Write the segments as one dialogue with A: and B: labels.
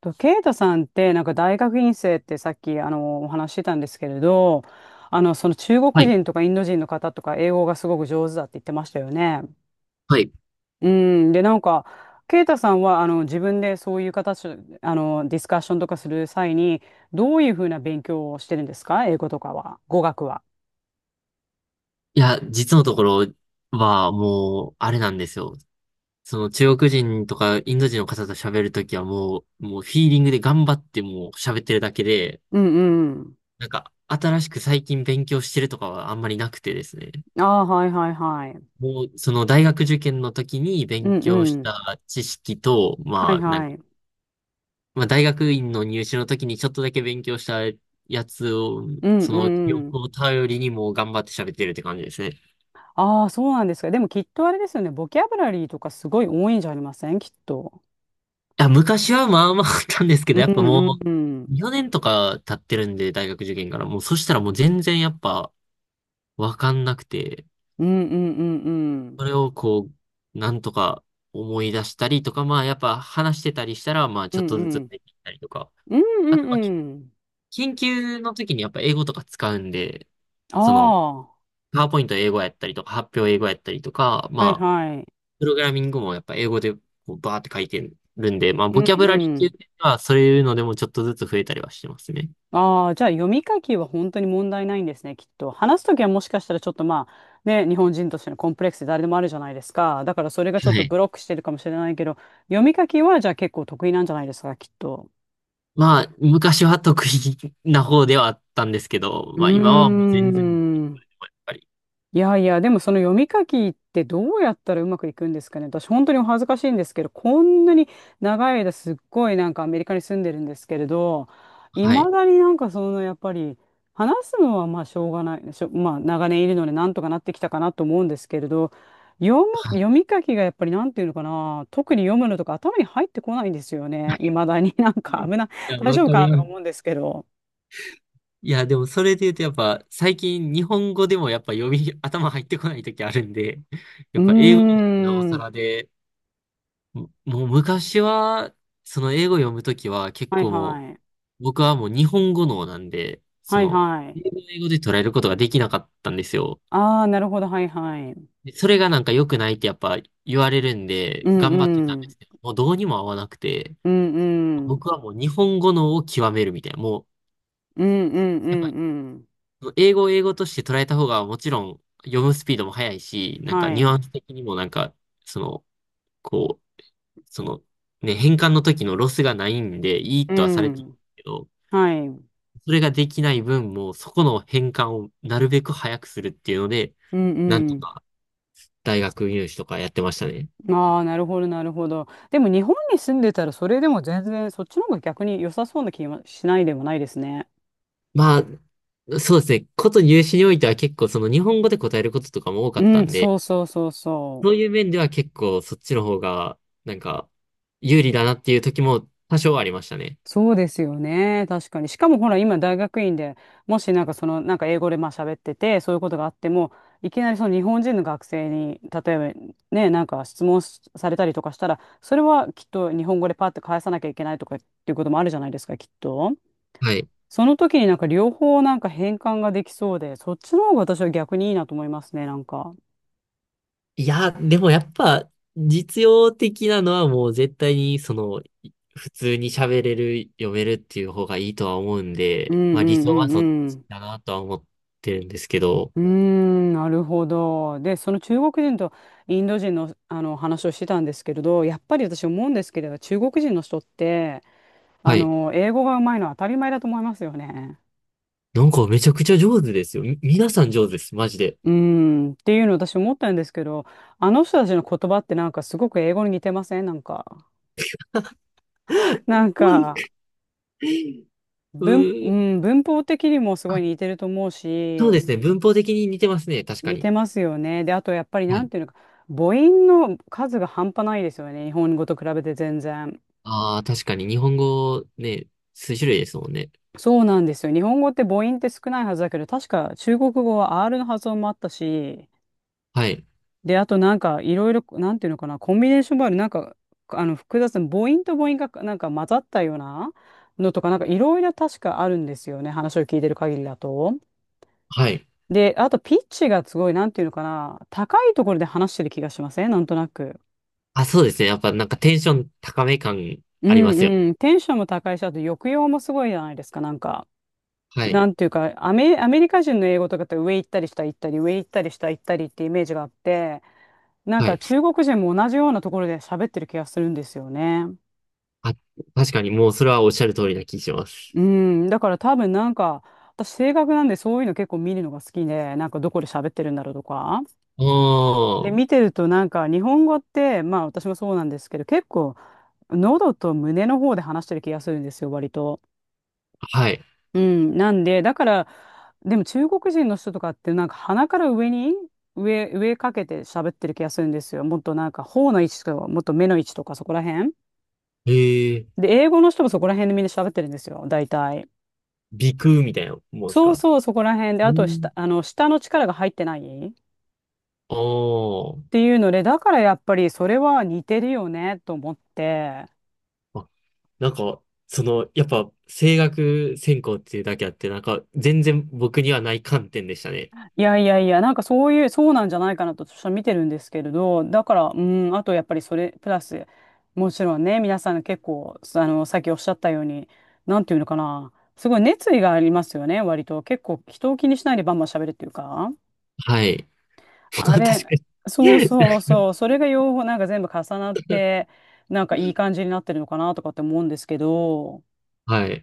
A: と、ケイトさんって、なんか大学院生ってさっき、お話ししてたんですけれど、その中
B: は
A: 国
B: い。
A: 人とかインド人の方とか英語がすごく上手だって言ってましたよね。
B: はい。
A: うん。で、なんか、ケイタさんは、自分でそういう形、ディスカッションとかする際に、どういうふうな勉強をしてるんですか、英語とかは、語学は。
B: いや、実のところはもう、あれなんですよ。その中国人とかインド人の方と喋るときはもうフィーリングで頑張ってもう喋ってるだけで、
A: うんうん。
B: なんか新しく最近勉強してるとかはあんまりなくてですね。
A: ああ、はいはいはい。
B: もう、その大学受験の時に
A: う
B: 勉
A: んう
B: 強し
A: ん。
B: た知識と、
A: はい
B: まあ、なん
A: は
B: か、
A: い。
B: まあ大学院の入試の時にちょっとだけ勉強したやつを、
A: うん
B: その記
A: う
B: 憶
A: ん。
B: を頼りにもう頑張って喋ってるって感じですね。
A: ああ、そうなんですか。でもきっとあれですよね。ボキャブラリーとかすごい多いんじゃありません、きっと。
B: あ、昔はまあまああったんですけ
A: う
B: ど、
A: ん
B: やっぱ
A: うん
B: も
A: うん。
B: う、4年とか経ってるんで、大学受験から。もう、そしたらもう全然やっぱ、わかんなくて、
A: うんうんうんうん。
B: それをこう、なんとか思い出したりとか、まあやっぱ話してたりしたら、まあ
A: う
B: ちょっ
A: ん
B: とず
A: う
B: つ
A: ん。
B: できたりとか。
A: うん
B: あ
A: う
B: とは、
A: んうん。
B: 研究の時にやっぱ英語とか使うんで、その、
A: ああ、
B: パワーポイント英語やったりとか、発表英語やったりとか、
A: はい
B: まあ、
A: はい。
B: プログラミングもやっぱ英語でこうバーって書いてるんで、まあ、
A: うん
B: ボ
A: う
B: キャブ
A: んう
B: ラリーっ
A: んう
B: ていう
A: ん。
B: のは、そういうのでもちょっとずつ増えたりはしてますね。
A: ああ、じゃあ読み書きは本当に問題ないんですね、きっと。話すときはもしかしたらちょっとまあ、ね、日本人としてのコンプレックスで誰でもあるじゃないですか。だからそれがちょっ
B: は
A: と
B: い。
A: ブロックしてるかもしれないけど、読み書きはじゃあ結構得意なんじゃないですか、きっと。
B: まあ、昔は得意な方ではあったんですけど、
A: う
B: まあ今はもう
A: ー
B: 全然、やっ
A: ん。
B: ぱり。
A: いやいや、でもその読み書きってどうやったらうまくいくんですかね。私本当にお恥ずかしいんですけど、こんなに長い間すっごいなんかアメリカに住んでるんですけれど、い
B: は
A: ま
B: い。
A: だになんかそのやっぱり話すのはまあしょうがない、まあ長年いるのでなんとかなってきたかなと思うんですけれど、読
B: はい。
A: 読み書きがやっぱりなんていうのかな、特に読むのとか頭に入ってこないんですよね。いまだになんか
B: い
A: 危ない、
B: や、
A: 大
B: わ
A: 丈夫
B: か
A: か
B: り
A: なと
B: ま
A: か
B: す。
A: 思うんですけど。
B: いや、でもそれで言うとやっぱ最近日本語でもやっぱ頭入ってこない時あるんで、
A: う
B: やっぱ英語
A: ー
B: になってなおさ
A: ん。
B: らで、もう昔は、その英語読む時は結
A: はい
B: 構も
A: はい。
B: う、僕はもう日本語脳なんで、そ
A: はい
B: の、
A: はい。
B: 英語英語で捉えることができなかったんですよ。
A: ああ、なるほど、はいはい。
B: でそれがなんか良くないってやっぱ言われるん
A: う
B: で、
A: ん
B: 頑張って
A: う
B: たんで
A: ん。
B: すけど、もうどうにも合わなくて、
A: うんうん。
B: 僕はもう日本語のを極めるみたいな、もう、
A: うんうんう
B: やっ
A: ん
B: ぱ、
A: うん。
B: 英語を英語として捉えた方がもちろん読むスピードも速いし、なんか
A: は
B: ニュ
A: い。
B: アンス的にもなんか、その、こう、その、ね、変換の時のロスがないんで、いい
A: う
B: とはされてる
A: ん。
B: けど、
A: はい。うん
B: それができない分も、そこの変換をなるべく早くするっていうので、
A: う
B: なんと
A: ん。
B: か大学入試とかやってましたね。
A: ああ、なるほど、なるほど。でも日本に住んでたらそれでも全然そっちの方が逆に良さそうな気がしないでもないですね。
B: まあ、そうですね。こと入試においては結構その日本語で答えることとかも多かった
A: うん、
B: んで、
A: そうそうそうそ
B: そう
A: う。
B: いう面では結構そっちの方がなんか有利だなっていう時も多少はありましたね。
A: そうですよね。確かに。しかもほら、今大学院で、もしなんかその、なんか英語でまあ喋ってて、そういうことがあっても、いきなりその日本人の学生に、例えばね、なんか質問しされたりとかしたら、それはきっと日本語でパッて返さなきゃいけないとかっていうこともあるじゃないですか、きっと。
B: はい。
A: その時になんか両方なんか変換ができそうで、そっちの方が私は逆にいいなと思いますね、なんか。
B: いや、でもやっぱ実用的なのはもう絶対にその普通に喋れる、読めるっていう方がいいとは思うん
A: うん
B: で、まあ
A: う
B: 理
A: んう
B: 想は
A: ん
B: そっ
A: う
B: ち
A: ん。
B: だなとは思ってるんですけど、
A: うーん、なるほど。で、その中国人とインド人の、あの話をしてたんですけれど、やっぱり私思うんですけれど、中国人の人って、
B: はい。
A: 英語が上手いのは当たり前だと思いますよね。
B: なんかめちゃくちゃ上手ですよ。皆さん上手です。マジで。
A: うーん、っていうの私思ったんですけど、あの人たちの言葉ってなんかすごく英語に似てませんなんか。なん
B: そう
A: か、
B: です。うー
A: う
B: ん。
A: ん、文法的にもすごい似てると思う
B: そう
A: し、
B: ですね。文法的に似てますね。確か
A: 似て
B: に。
A: ますよね。で、あとやっぱり
B: は
A: なん
B: い。
A: ていうのか、母音の数が半端ないですよね。日本語と比べて全然。
B: ああ、確かに。日本語ね、数種類ですもんね。
A: そうなんですよ。日本語って母音って少ないはずだけど、確か中国語は R の発音もあったし、
B: はい。
A: で、あとなんかいろいろ、なんていうのかな、コンビネーションもある、なんか、複雑な母音と母音がなんか混ざったようなのとか、なんかいろいろ確かあるんですよね。話を聞いてる限りだと。
B: はい。
A: で、あとピッチがすごい、なんていうのかな、高いところで話してる気がしませんなんとなく。
B: あ、そうですね。やっぱなんかテンション高め感
A: う
B: ありま
A: ん
B: すよ。
A: うん。テンションも高いし、あと抑揚もすごいじゃないですか、なんか。
B: はい。
A: なんていうか、アメリカ人の英語とかって上行ったり下行ったり、上行ったり下行ったりってイメージがあって、なん
B: は
A: か
B: い。
A: 中国人も同じようなところで喋ってる気がするんですよね。
B: あ、確かにもうそれはおっしゃる通りな気します。
A: うん、だから多分なんか、私性格なんでそういうの結構見るのが好きで、なんかどこで喋ってるんだろうとか。で、
B: おー。
A: 見てるとなんか日本語って、まあ私もそうなんですけど、結構喉と胸の方で話してる気がするんですよ、割と。
B: はい。
A: うん、なんで、だから、でも中国人の人とかってなんか鼻から上に上かけて喋ってる気がするんですよ。もっとなんか頬の位置とか、もっと目の位置とかそこら辺。
B: えー、
A: で、英語の人もそこら辺でみんな喋ってるんですよ、大体。
B: 鼻腔みたいなもんです
A: そう
B: か？
A: そう、そこら辺で、
B: う
A: あと
B: ん。
A: 下、下の力が入ってないっ
B: お
A: て
B: ー。
A: いうので、だからやっぱりそれは似てるよねと思って。
B: あ、なんか、その、やっぱ声楽専攻っていうだけあって、なんか全然僕にはない観点でしたね。
A: いやいやいや、なんかそういう、そうなんじゃないかなと私は見てるんですけれど、だから、うん、あとやっぱりそれ、プラス、もちろんね、皆さん結構、さっきおっしゃったように、なんていうのかな、すごい熱意がありますよね、割と。結構、人を気にしないでバンバン喋るっていうか。
B: はい。
A: あ
B: 確か
A: れ、
B: に。
A: そうそうそう、それが両方なんか全部重なって、なんかいい感じになってるのかなとかって思うんですけど、
B: はい。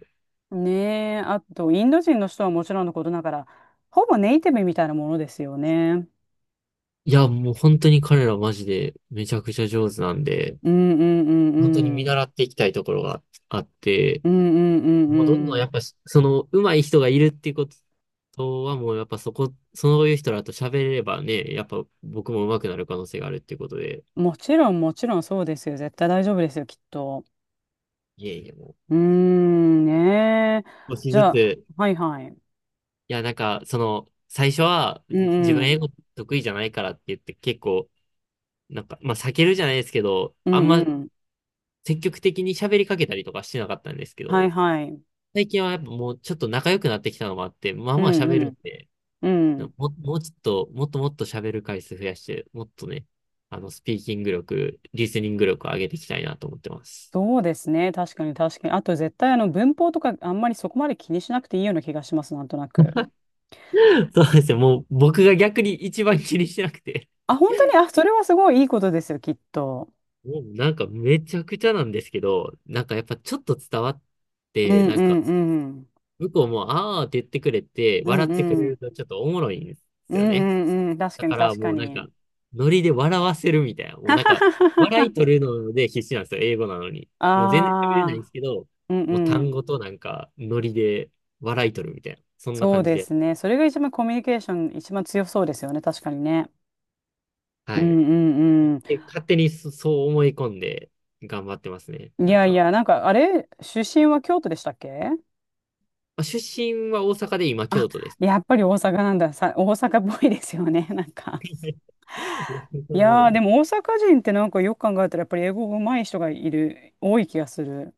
A: ねえ、あと、インド人の人はもちろんのことながら、ほぼネイティブみたいなものですよね。
B: いや、もう本当に彼らマジでめちゃくちゃ上手なんで、
A: うんうんう
B: 本当に
A: んう
B: 見
A: ん。
B: 習っていきたいところがあって、
A: うんうんうん
B: もうどんど
A: う
B: んやっ
A: ん。
B: ぱし、その上手い人がいるっていうことはもうやっぱそこ、そういう人らと喋ればね、やっぱ僕も上手くなる可能性があるっていうことで、
A: もちろんもちろんそうですよ。絶対大丈夫ですよ、きっと。
B: いえいえも
A: うーん、ねえ。
B: う、少し
A: じ
B: ず
A: ゃ
B: つ、
A: あ、
B: い
A: はいはい。
B: や、なんかその、最初は
A: うんう
B: 自分英
A: ん。
B: 語得意じゃないからって言って結構、なんか、まあ避けるじゃないですけど、
A: う
B: あん
A: んう
B: ま
A: ん。
B: 積極的に喋りかけたりとかしてなかったんですけ
A: はい
B: ど、
A: はい。
B: 最近はやっぱもうちょっと仲良くなってきたのもあって、まあ
A: う
B: まあ
A: ん
B: 喋
A: う
B: るん
A: ん。
B: で、
A: うん。
B: もうちょっと、もっともっと喋る回数増やして、もっとね、あの、スピーキング力、リスニング力を上げていきたいなと思ってます。
A: そうですね。確かに確かに。あと絶対あの文法とかあんまりそこまで気にしなくていいような気がします、なんとなく。
B: そうですね、もう僕が逆に一番気にしてなくて、
A: あ、本当に、あ、それはすごいいいことですよ、きっと。
B: もうなんかめちゃくちゃなんですけど、なんかやっぱちょっと伝わっ
A: う
B: て、
A: ん
B: な
A: う
B: んか、
A: んうん。
B: 向こうも、あーって言ってくれて、
A: う
B: 笑
A: ん
B: ってくれ
A: う
B: る
A: ん。
B: とちょっとおもろいんで
A: う
B: す
A: ん
B: よね。
A: うんうん。確
B: だ
A: かに
B: から
A: 確
B: も
A: か
B: うなん
A: に。
B: か、ノリで笑わせるみたいな。もう
A: は
B: なん
A: は
B: か、
A: はは
B: 笑い
A: は
B: 取るので必死なんですよ、英語なのに。もう全然喋れないん
A: あ、
B: で
A: あ
B: すけど、
A: うんう
B: もう単
A: ん。
B: 語となんか、ノリで笑い取るみたいな。そんな
A: そう
B: 感じ
A: で
B: で。
A: すね。それが一番コミュニケーション一番強そうですよね。確かにね。う
B: はい。
A: んうん
B: で、勝手にそう思い込んで頑張ってますね。
A: うん。い
B: なん
A: やい
B: か、
A: や、なんかあれ、出身は京都でしたっけ？
B: まあ、出身は大阪で今
A: あ、
B: 京都です。
A: やっぱり大阪なんだ。さ、大阪っぽいですよね。なんか。
B: そ
A: い
B: んなこと
A: や
B: な
A: ー、で
B: い。
A: も大阪人ってなんかよく考えたらやっぱり英語上手い人がいる、多い気がする。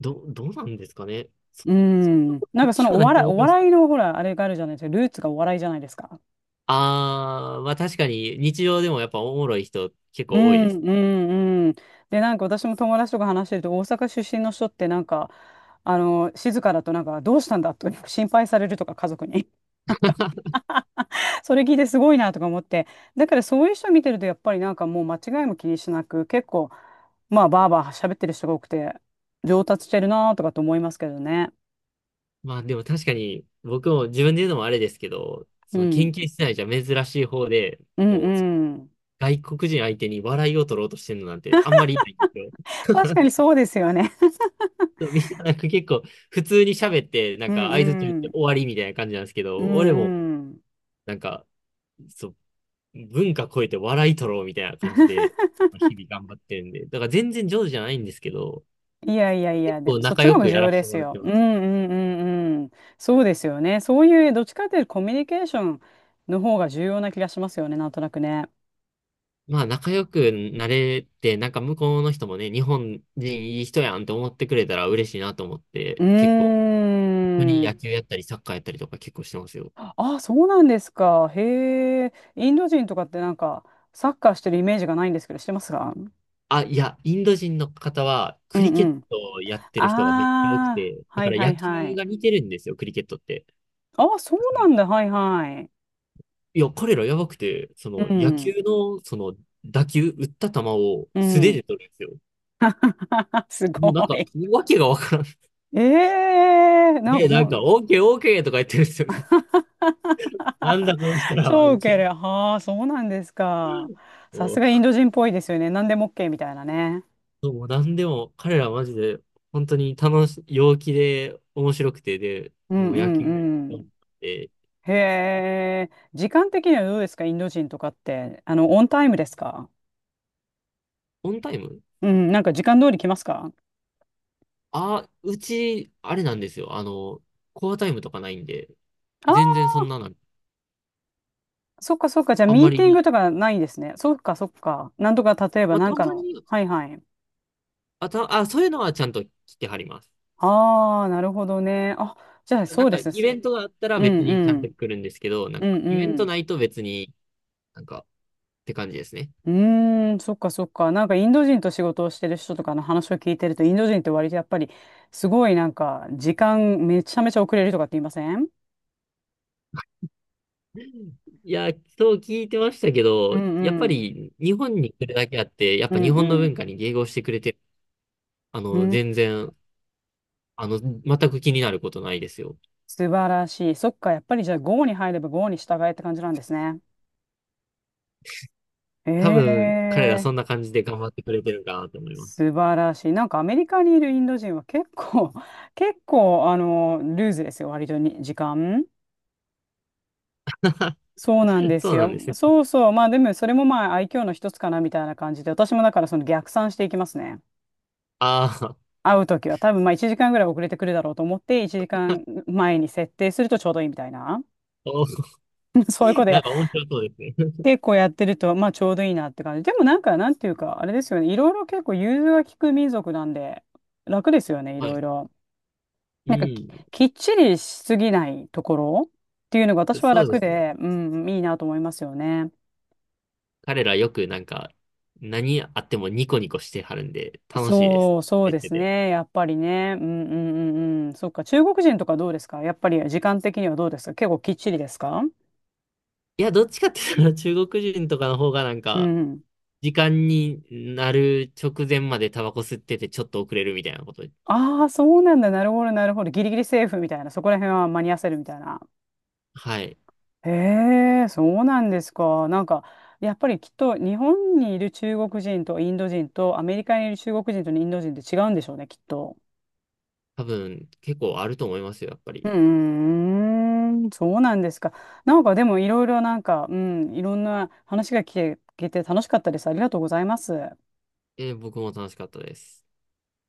B: どうなんですかね。そ
A: う
B: ん
A: ん。なん
B: な
A: かそ
B: 話
A: の
B: は
A: お
B: ないと
A: 笑い、
B: 思い
A: お
B: ます。
A: 笑いのほら、あれがあるじゃないですか。ルーツがお笑いじゃないですか。
B: あー、まあ確かに日常でもやっぱおもろい人結
A: う
B: 構多いで
A: ん
B: す。
A: うんうん。で、なんか私も友達とか話してると、大阪出身の人ってなんか、静かだとなんか、どうしたんだと 心配されるとか、家族に。それ聞いてすごいなとか思って。だからそういう人見てると、やっぱりなんかもう間違いも気にしなく、結構、まあ、バーバー喋ってる人が多くて、上達してるなとかと思いますけどね。
B: まあでも確かに僕も自分で言うのもあれですけど、
A: う
B: その研
A: ん。
B: 究室内じゃ珍しい方で、
A: うん
B: もう
A: うん。
B: 外国人相手に笑いを取ろうとしてるのなんてあんまりいないんですよ。
A: 確かにそうですよね。
B: そうみんななんか結構普通に喋ってな
A: う
B: んか
A: んう
B: 相槌中って
A: ん。
B: 終わりみたいな感じなんですけ
A: う
B: ど、俺も
A: んうん。
B: なんかそう文化超えて笑い取ろうみたいな感じで日々頑張ってるんで、だから全然上手じゃないんですけど、
A: いやいやい
B: 結
A: や、で
B: 構
A: もそっち
B: 仲
A: の
B: 良
A: 方が
B: く
A: 重
B: や
A: 要
B: らせ
A: で
B: て
A: す
B: もらっ
A: よ。
B: て
A: う
B: ま
A: んう
B: す。
A: んうんうん。そうですよね。そういうどっちかというとコミュニケーションの方が重要な気がしますよね、なんとなくね。
B: まあ仲良くなれて、なんか向こうの人もね、日本人いい人やんって思ってくれたら嬉しいなと思って、
A: う
B: 結構、本当に
A: ー
B: 野
A: ん。
B: 球やったりサッカーやったりとか結構してますよ。
A: あ、そうなんですか。へえ。インド人とかってなんかサッカーしてるイメージがないんですけど、してますか？
B: あ、いや、インド人の方は
A: う
B: クリ
A: ん
B: ケ
A: う
B: ッ
A: ん。
B: トをやってる人がめっちゃ多く
A: ああ、
B: て、だ
A: は
B: か
A: い
B: ら
A: はい
B: 野
A: は
B: 球
A: い。
B: が似てるんですよ、クリケットって。
A: ああ、そう
B: だから
A: なんだ。はいはい。
B: いや、彼らやばくて、その
A: う
B: 野球
A: ん。
B: の、その打った球を
A: う
B: 素手で
A: ん。
B: 取るんですよ。
A: すご
B: もうなんか、
A: い。
B: わけがわからん。
A: ええなんか
B: で、なんか、オーケーオーケーとか言ってるんですよね。なんだこの人らは、
A: 超
B: み
A: ウ
B: た
A: ケ
B: いな。
A: る。はあ、そうなんですか。さすがインド人っぽいですよね。何でも OK みたいなね。
B: そう、なんでも、彼らはマジで、本当に陽気で、面白くて、で、
A: う
B: も
A: ん
B: う
A: う
B: 野球が一
A: んう
B: 番
A: ん。
B: で、
A: へえ。時間的にはどうですか、インド人とかって。あの、オンタイムですか？
B: オンタイム。
A: うん、なんか時間通り来ますか？
B: あ、あれなんですよ。あの、コアタイムとかないんで、
A: ああ
B: 全然そん
A: ー、
B: なの、
A: そっかそっか。じゃあ
B: あん
A: ミ
B: ま
A: ーティング
B: り、
A: とかないですね。そっかそっか。なんとか例えば
B: まあ、
A: な
B: た
A: んか
B: ま
A: の。
B: に、
A: はいはい。
B: そういうのはちゃんと来てはります。
A: ああ、なるほどね。あ、じゃあ
B: な
A: そ
B: ん
A: うで
B: か、イ
A: す。
B: ベントがあったら
A: うん
B: 別にちゃ
A: う
B: んと
A: ん。
B: 来るんですけど、な
A: う
B: ん
A: ん
B: か、イベ
A: う
B: ント
A: ん。
B: ないと別になんか、って感じですね。
A: うーん、そっかそっか。なんかインド人と仕事をしてる人とかの話を聞いてると、インド人って割とやっぱりすごいなんか時間めちゃめちゃ遅れるとかって言いません？
B: いや、そう聞いてましたけ
A: う
B: ど、
A: ん
B: やっ
A: う
B: ぱ
A: ん。
B: り日本に来るだけあって、やっ
A: う
B: ぱ
A: ん
B: 日本の
A: うん。
B: 文化に迎合してくれて、あ
A: う
B: の、
A: ん、
B: 全く気になることないですよ。
A: 素晴らしい。そっか、やっぱりじゃあ g に入れば g に従えって感じなんですね。
B: 多
A: え
B: 分、彼ら
A: え
B: そ
A: ー、
B: んな感じで頑張ってくれてるかなと思います。
A: 素晴らしい。なんかアメリカにいるインド人は結構、結構ルーズですよ、割とに時間。そうなん で
B: そ
A: す
B: うなん
A: よ。
B: ですね。
A: そうそう。まあでもそれもまあ愛嬌の一つかなみたいな感じで、私もだからその逆算していきますね。
B: ああ、
A: 会うときは多分まあ1時間ぐらい遅れてくるだろうと思って、1時間前に設定するとちょうどいいみたいな。
B: お
A: そういうこと
B: な
A: や、
B: んか面白そうですね。
A: 結構やってるとまあちょうどいいなって感じ。でもなんかなんていうかあれですよね。いろいろ結構融通が利く民族なんで楽ですよね、い
B: は
A: ろい
B: い。
A: ろ。なんかき、
B: う
A: きっちりしすぎないところっていうのが
B: ん、
A: 私は
B: そうで
A: 楽
B: すね。
A: で、うん、いいなと思いますよね。
B: 彼らよくなんか、何あってもニコニコしてはるんで、楽しいです。
A: そう、そう
B: やっ
A: で
B: て
A: す
B: て。
A: ね。やっぱりね。うんうんうんうん。そっか。中国人とかどうですか、やっぱり時間的にはどうですか、結構きっちりですか？
B: いや、どっちかって言ったら中国人とかの方がなん
A: う
B: か、
A: ん。
B: 時間になる直前までタバコ吸っててちょっと遅れるみたいなこと。
A: ああ、そうなんだ。なるほど、なるほど。ギリギリセーフみたいな。そこら辺は間に合わせるみたいな。
B: はい。
A: へえ、そうなんですか。なんか、やっぱりきっと日本にいる中国人とインド人と、アメリカにいる中国人とインド人って違うんでしょうね、きっと。
B: 多分結構あると思いますよ、やっぱ
A: う
B: り。
A: ーん、そうなんですか。なんかでもいろいろなんか、うん、いろんな話が聞けて楽しかったです。ありがとうございます。
B: 僕も楽しかったです。